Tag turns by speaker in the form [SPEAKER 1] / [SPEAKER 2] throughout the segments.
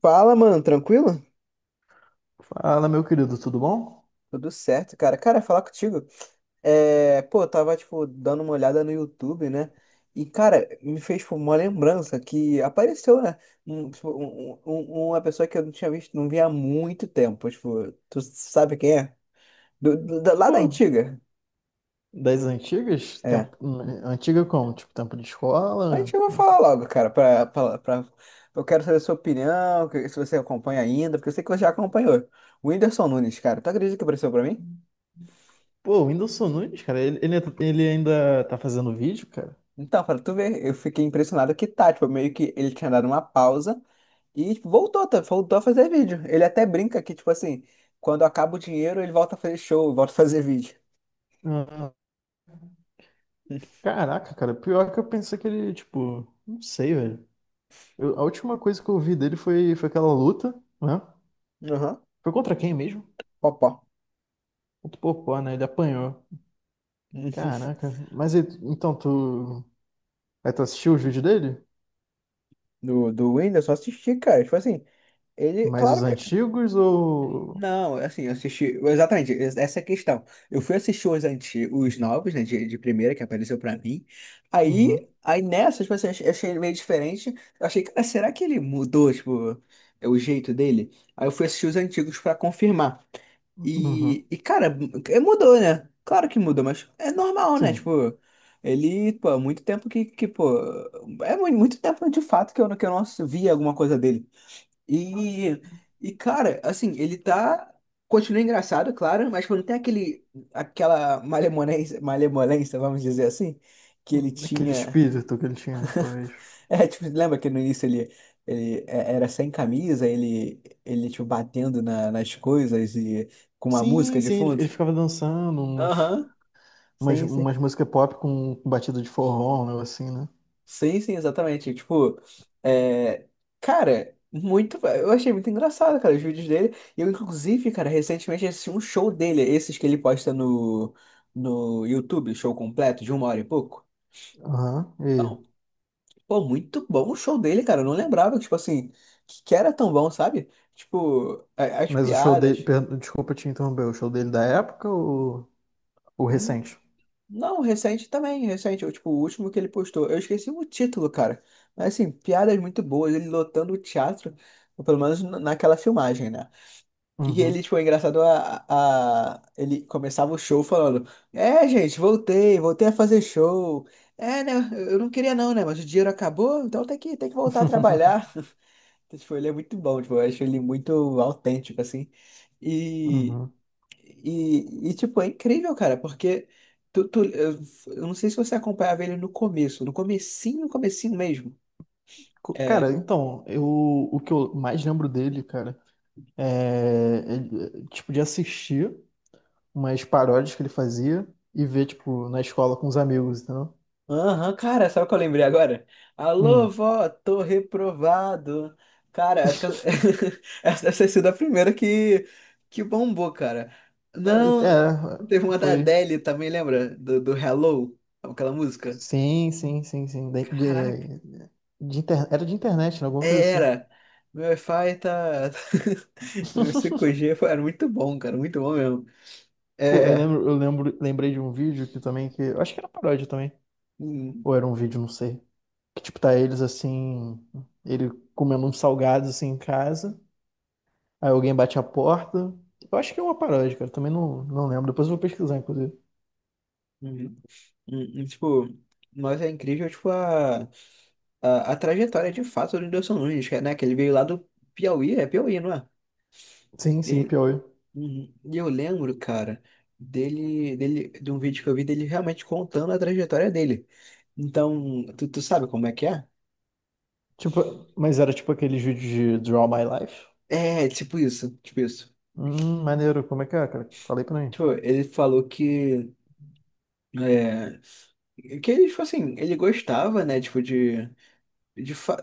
[SPEAKER 1] Fala, mano, tranquilo?
[SPEAKER 2] Fala, meu querido, tudo bom?
[SPEAKER 1] Tudo certo, cara. Cara, falar contigo. É, pô, eu tava, tipo, dando uma olhada no YouTube, né? E, cara, me fez, tipo, uma lembrança que apareceu, né? Tipo, uma pessoa que eu não tinha visto, não via há muito tempo. Tipo, tu sabe quem é? Lá da
[SPEAKER 2] Pô,
[SPEAKER 1] antiga.
[SPEAKER 2] das antigas?
[SPEAKER 1] É.
[SPEAKER 2] Tempo, antiga como? Tipo, tempo de
[SPEAKER 1] A
[SPEAKER 2] escola?
[SPEAKER 1] gente vai falar logo, cara. Eu quero saber a sua opinião, se você acompanha ainda, porque eu sei que você já acompanhou. O Whindersson Nunes, cara, tu acredita que apareceu pra mim?
[SPEAKER 2] Pô, o Whindersson Nunes, cara, ele ainda tá fazendo vídeo, cara?
[SPEAKER 1] Então, pra tu ver, eu fiquei impressionado que tá, tipo, meio que ele tinha dado uma pausa e tipo, voltou, tá, voltou a fazer vídeo. Ele até brinca que, tipo assim, quando acaba o dinheiro, ele volta a fazer show, volta a fazer vídeo.
[SPEAKER 2] Ah, Caraca, cara, pior que eu pensei que ele, tipo, não sei, velho. Eu, a última coisa que eu vi dele foi, foi aquela luta, né?
[SPEAKER 1] Aham,
[SPEAKER 2] Foi contra quem mesmo?
[SPEAKER 1] opa.
[SPEAKER 2] Contra o Popó, né? Ele apanhou. Caraca, mas ele, então tu. Aí tu assistiu os vídeos dele?
[SPEAKER 1] Do Windows, só assisti, cara. Tipo assim, ele,
[SPEAKER 2] Mais os
[SPEAKER 1] claro que.
[SPEAKER 2] antigos ou.
[SPEAKER 1] Não, assim, eu assisti. Exatamente, essa é a questão. Eu fui assistir os antigos, os novos, né, de primeira, que apareceu pra mim. Aí,
[SPEAKER 2] Uhum,
[SPEAKER 1] aí nessas, tipo assim, eu achei ele meio diferente. Eu achei, cara, será que ele mudou, tipo, é o jeito dele? Aí eu fui assistir os antigos pra confirmar.
[SPEAKER 2] uhum,
[SPEAKER 1] E cara, mudou, né? Claro que mudou, mas é normal, né?
[SPEAKER 2] sim.
[SPEAKER 1] Tipo, ele, pô, há muito tempo que pô. É muito tempo de fato que eu não via alguma coisa dele. E, e cara, assim, ele tá. Continua engraçado, claro, mas quando tem aquele, aquela malemolência, malemolência, vamos dizer assim, que ele
[SPEAKER 2] Aquele
[SPEAKER 1] tinha.
[SPEAKER 2] espírito que ele tinha, talvez.
[SPEAKER 1] É, tipo, lembra que no início ele, era sem camisa, ele tipo, batendo nas coisas e com uma música
[SPEAKER 2] Sim,
[SPEAKER 1] de
[SPEAKER 2] sim, ele,
[SPEAKER 1] fundo?
[SPEAKER 2] ele ficava dançando uns,
[SPEAKER 1] Aham, sim, sim.
[SPEAKER 2] umas músicas pop com batida de forró, um negócio assim, né?
[SPEAKER 1] Sim, sim, exatamente. Tipo, é... cara, muito. Eu achei muito engraçado, cara, os vídeos dele. E eu, inclusive, cara, recentemente assisti um show dele, esses que ele posta no YouTube, show completo, de uma hora e pouco.
[SPEAKER 2] Aham, e...
[SPEAKER 1] Então, pô, muito bom o show dele, cara. Eu não lembrava, tipo assim, que era tão bom, sabe? Tipo, as
[SPEAKER 2] Mas o show dele...
[SPEAKER 1] piadas.
[SPEAKER 2] per- Desculpa te interromper, o show dele da época ou o recente?
[SPEAKER 1] Não, recente também, recente. Eu, tipo, o último que ele postou. Eu esqueci o título, cara. Mas assim, piadas muito boas, ele lotando o teatro, ou pelo menos naquela filmagem, né? E ele,
[SPEAKER 2] Uhum.
[SPEAKER 1] tipo, é engraçado. Ele começava o show falando, é, gente, voltei, voltei a fazer show. É, né? Eu não queria não, né? Mas o dinheiro acabou, então tem que voltar a trabalhar. Então, tipo, ele é muito bom, tipo, eu acho ele muito autêntico, assim. E
[SPEAKER 2] Uhum.
[SPEAKER 1] e, tipo, é incrível, cara, porque tu, tu- eu eu não sei se você acompanhava ele no começo, no comecinho, comecinho mesmo.
[SPEAKER 2] Co-
[SPEAKER 1] É,
[SPEAKER 2] Cara, então, eu, o que eu mais lembro dele, cara, é, ele, tipo, de assistir umas paródias que ele fazia e ver, tipo, na escola com os amigos,
[SPEAKER 1] aham, cara, sabe o que eu lembrei agora? Alô,
[SPEAKER 2] entendeu?
[SPEAKER 1] vó, tô reprovado. Cara, acho que essa deve ter sido a primeira que bombou, cara.
[SPEAKER 2] É,
[SPEAKER 1] Não,
[SPEAKER 2] é,
[SPEAKER 1] teve uma da
[SPEAKER 2] foi.
[SPEAKER 1] Adele também, lembra? Do Hello, aquela música.
[SPEAKER 2] Sim, sim, sim, sim.
[SPEAKER 1] Caraca.
[SPEAKER 2] De inter-, era de internet, né? Alguma coisa assim.
[SPEAKER 1] Era. Meu Wi-Fi tá. Meu 5G foi. Era muito bom, cara. Muito bom mesmo.
[SPEAKER 2] Pô,
[SPEAKER 1] É.
[SPEAKER 2] lembrei de um vídeo que também que. Eu acho que era paródia também.
[SPEAKER 1] hum,
[SPEAKER 2] Ou era um vídeo, não sei. Que tipo, tá eles assim. Ele comendo uns salgados assim em casa. Aí alguém bate a porta. Eu acho que é uma paródia, cara. Também não, não lembro. Depois eu vou pesquisar, inclusive.
[SPEAKER 1] hum, Tipo, mas é incrível, tipo, a trajetória de fato do Whindersson Nunes, que é, né? Que ele veio lá do Piauí, é Piauí, não é?
[SPEAKER 2] Sim, sim,
[SPEAKER 1] E,
[SPEAKER 2] Piauí.
[SPEAKER 1] uhum, e eu lembro, cara, dele, de um vídeo que eu vi dele realmente contando a trajetória dele. Então, tu, tu sabe como é que é?
[SPEAKER 2] Tipo, mas era tipo aqueles vídeos de Draw My Life.
[SPEAKER 1] É, tipo isso, tipo isso.
[SPEAKER 2] Maneiro. Como é que é, cara? Falei pra mim.
[SPEAKER 1] Tipo, ele falou que. é, Que ele, tipo assim, ele gostava, né, tipo, de, fa-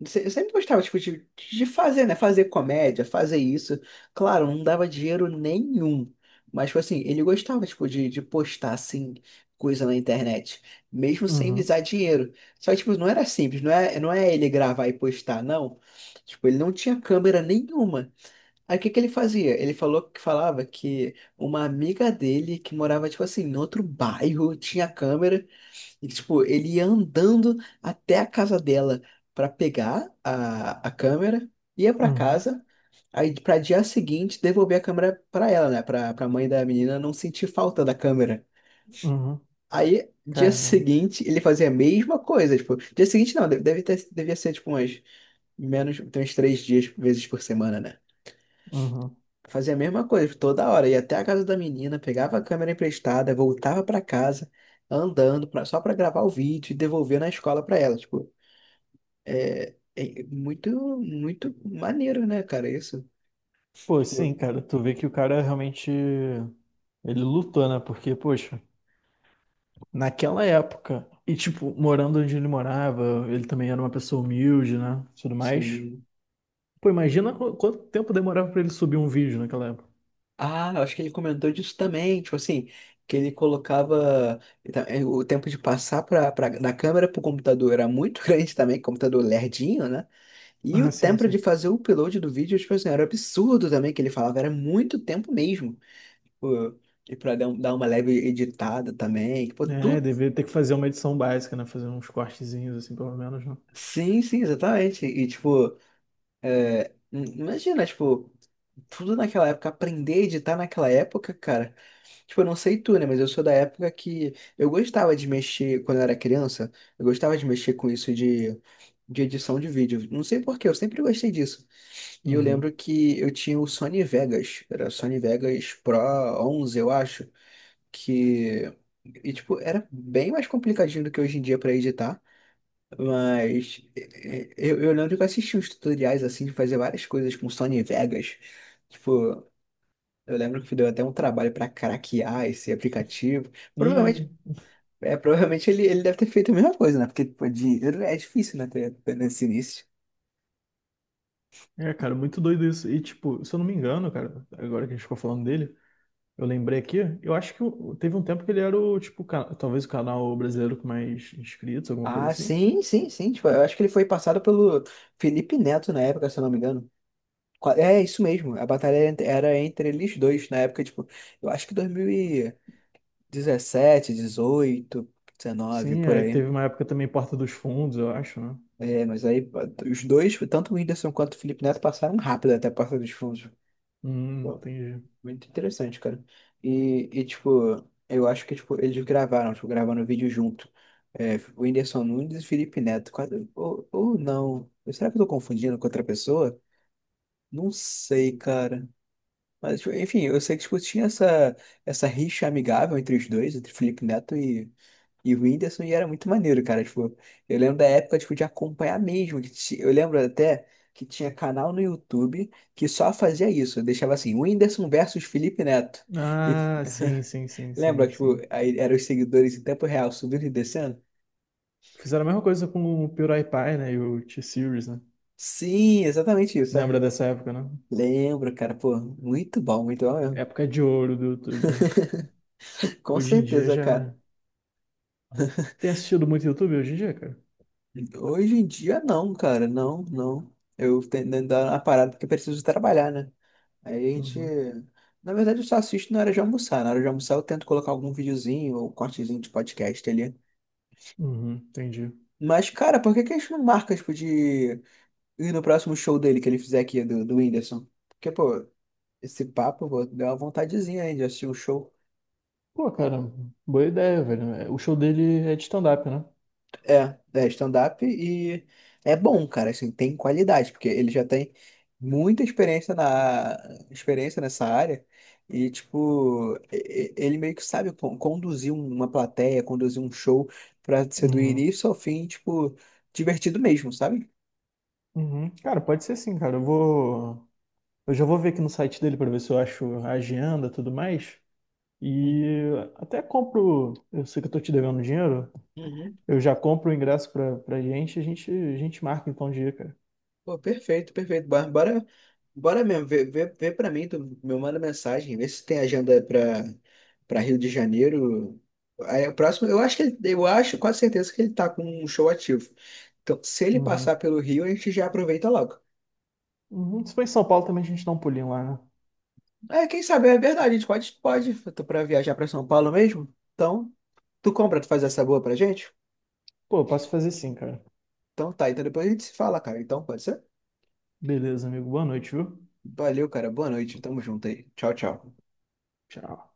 [SPEAKER 1] de- se- sempre gostava, tipo, de fazer, né, fazer comédia, fazer isso. Claro, não dava dinheiro nenhum. Mas, tipo assim, ele gostava, tipo, de postar, assim, coisa na internet. Mesmo sem
[SPEAKER 2] Uhum,
[SPEAKER 1] visar dinheiro. Só que, tipo, não era simples, não é ele gravar e postar, não. Tipo, ele não tinha câmera nenhuma. Aí, o que que ele fazia? Ele falou que falava que uma amiga dele, que morava, tipo assim, em outro bairro, tinha câmera e, tipo, ele ia andando até a casa dela pra pegar a câmera, ia pra
[SPEAKER 2] uhum.
[SPEAKER 1] casa, aí pra dia seguinte devolver a câmera pra ela, né? Pra, pra mãe da menina não sentir falta da câmera.
[SPEAKER 2] Uhum.
[SPEAKER 1] Aí, dia
[SPEAKER 2] Caramba.
[SPEAKER 1] seguinte, ele fazia a mesma coisa, tipo, dia seguinte não, devia ser, tipo, umas menos, tem uns três dias, vezes por semana, né?
[SPEAKER 2] Uhum.
[SPEAKER 1] Fazia a mesma coisa, tipo, toda hora, ia até a casa da menina, pegava a câmera emprestada, voltava pra casa, andando, pra, só pra gravar o vídeo e devolver na escola pra ela, tipo, é, é muito, muito maneiro, né, cara? Isso,
[SPEAKER 2] Pô, sim,
[SPEAKER 1] tipo,
[SPEAKER 2] cara, tu vê que o cara realmente ele lutou, né? Porque, poxa, naquela época, e tipo, morando onde ele morava, ele também era uma pessoa humilde, né? Tudo mais.
[SPEAKER 1] sim.
[SPEAKER 2] Pô, imagina qu- quanto tempo demorava pra ele subir um vídeo naquela época.
[SPEAKER 1] Ah, eu acho que ele comentou disso também, tipo assim, que ele colocava então, é, o tempo de passar pra, da câmera pro computador era muito grande também, computador lerdinho, né? E o
[SPEAKER 2] Ah, sim,
[SPEAKER 1] tempo
[SPEAKER 2] sim.
[SPEAKER 1] de fazer o upload do vídeo, tipo assim, era absurdo também, que ele falava, era muito tempo mesmo. Pô, e pra dar, dar uma leve editada também, tipo,
[SPEAKER 2] É,
[SPEAKER 1] tudo.
[SPEAKER 2] deveria ter que fazer uma edição básica, né? Fazer uns cortezinhos, assim, pelo menos, né?
[SPEAKER 1] Sim, sim, exatamente. E, tipo, imagina, tipo. Tudo naquela época, aprender a editar naquela época, cara. Tipo, eu não sei tu, né? Mas eu sou da época que eu gostava de mexer, quando eu era criança, eu gostava de mexer com isso de edição de vídeo. Não sei por quê, eu sempre gostei disso. E eu lembro
[SPEAKER 2] Uhum.
[SPEAKER 1] que eu tinha o Sony Vegas, era o Sony Vegas Pro 11 eu acho, que. E, tipo, era bem mais complicadinho do que hoje em dia pra editar, mas eh, eu lembro que eu assisti uns tutoriais, assim, de fazer várias coisas com Sony Vegas. Tipo, eu lembro que deu até um trabalho para craquear esse aplicativo.
[SPEAKER 2] E,
[SPEAKER 1] Provavelmente, é, provavelmente ele, deve ter feito a mesma coisa, né? Porque pô, dinheiro é difícil, né? ter- ter Nesse início.
[SPEAKER 2] é, cara, muito doido isso. E, tipo, se eu não me engano, cara, agora que a gente ficou falando dele. Eu lembrei aqui, eu acho que o- teve um tempo que ele era o, tipo, ca- talvez o canal brasileiro com mais inscritos, alguma coisa
[SPEAKER 1] Ah,
[SPEAKER 2] assim.
[SPEAKER 1] sim, sim, sim. Tipo, eu acho que ele foi passado pelo Felipe Neto na época, se eu não me engano. É isso mesmo. A batalha era entre eles dois na época, tipo, eu acho que 2017, 18, 19,
[SPEAKER 2] Sim,
[SPEAKER 1] por
[SPEAKER 2] aí
[SPEAKER 1] aí.
[SPEAKER 2] teve uma época também Porta dos Fundos, eu acho, né?
[SPEAKER 1] É, mas aí pô, os dois, tanto o Whindersson quanto o Felipe Neto, passaram rápido até a porta dos fundos.
[SPEAKER 2] Entendi.
[SPEAKER 1] Muito interessante, cara. E, tipo, eu acho que tipo, eles gravaram, tipo, gravaram o vídeo junto. É, o Whindersson Nunes e Felipe Neto. Ou não. Será que eu tô confundindo com outra pessoa? Não sei, cara. Mas, tipo, enfim, eu sei que tipo, tinha essa rixa amigável entre os dois, entre Felipe Neto e o Whindersson, e era muito maneiro, cara. Tipo, eu lembro da época, tipo, de acompanhar mesmo. Eu lembro até que tinha canal no YouTube que só fazia isso. Eu deixava assim, Whindersson versus Felipe Neto. E
[SPEAKER 2] Ah, sim, sim, sim,
[SPEAKER 1] lembra,
[SPEAKER 2] sim,
[SPEAKER 1] tipo,
[SPEAKER 2] sim.
[SPEAKER 1] aí eram os seguidores em tempo real subindo e descendo?
[SPEAKER 2] Fizeram a mesma coisa com o PewDiePie, né? E o T-Series, né?
[SPEAKER 1] Sim, exatamente isso.
[SPEAKER 2] Lembra dessa época, né?
[SPEAKER 1] Lembro, cara. Pô, muito bom mesmo.
[SPEAKER 2] Época de ouro do YouTube, né?
[SPEAKER 1] Com
[SPEAKER 2] Hoje em dia
[SPEAKER 1] certeza, cara.
[SPEAKER 2] já. Tem assistido muito YouTube hoje em dia, cara?
[SPEAKER 1] Hoje em dia, não, cara. Não, não. Eu tenho que dar uma parada porque eu preciso trabalhar, né? Aí a gente.
[SPEAKER 2] Uhum.
[SPEAKER 1] Na verdade, eu só assisto na hora de almoçar. Na hora de almoçar, eu tento colocar algum videozinho ou cortezinho de podcast ali.
[SPEAKER 2] Uhum, entendi.
[SPEAKER 1] Mas, cara, por que que a gente não marca, tipo, de ir no próximo show dele que ele fizer aqui, do, do Whindersson? Porque, pô, esse papo, pô, deu uma vontadezinha aí de assistir um show.
[SPEAKER 2] Pô, cara, boa ideia, velho. É, o show dele é de stand-up, né?
[SPEAKER 1] É, é stand-up e é bom, cara, assim, tem qualidade, porque ele já tem muita experiência na experiência nessa área e tipo, ele meio que sabe conduzir uma plateia, conduzir um show pra ser do
[SPEAKER 2] Uhum.
[SPEAKER 1] início ao fim, tipo, divertido mesmo, sabe?
[SPEAKER 2] Uhum. Cara, pode ser sim, cara. Eu vou. Eu já vou ver aqui no site dele para ver se eu acho a agenda e tudo mais. E até compro. Eu sei que eu tô te devendo dinheiro.
[SPEAKER 1] Uhum.
[SPEAKER 2] Eu já compro o ingresso pra, pra gente. E a gente, a gente marca então o dia, cara.
[SPEAKER 1] Pô, perfeito, perfeito. Bora, bora, bora mesmo, vê pra mim, tu me manda mensagem, vê se tem agenda pra, Rio de Janeiro. Aí, o próximo, eu acho que ele, eu acho, quase certeza que ele tá com um show ativo. Então, se ele
[SPEAKER 2] Uhum.
[SPEAKER 1] passar pelo Rio, a gente já aproveita logo.
[SPEAKER 2] Uhum. Se for em São Paulo também a gente dá um pulinho lá, né?
[SPEAKER 1] É, quem sabe, é verdade, a gente pode, eu tô pra viajar pra São Paulo mesmo. Então, tu compra, tu faz essa boa pra gente?
[SPEAKER 2] Pô, eu posso fazer sim, cara.
[SPEAKER 1] Então tá, então depois a gente se fala, cara. Então, pode ser?
[SPEAKER 2] Beleza, amigo. Boa noite, viu?
[SPEAKER 1] Valeu, cara, boa noite, tamo junto aí. Tchau, tchau.
[SPEAKER 2] Tchau.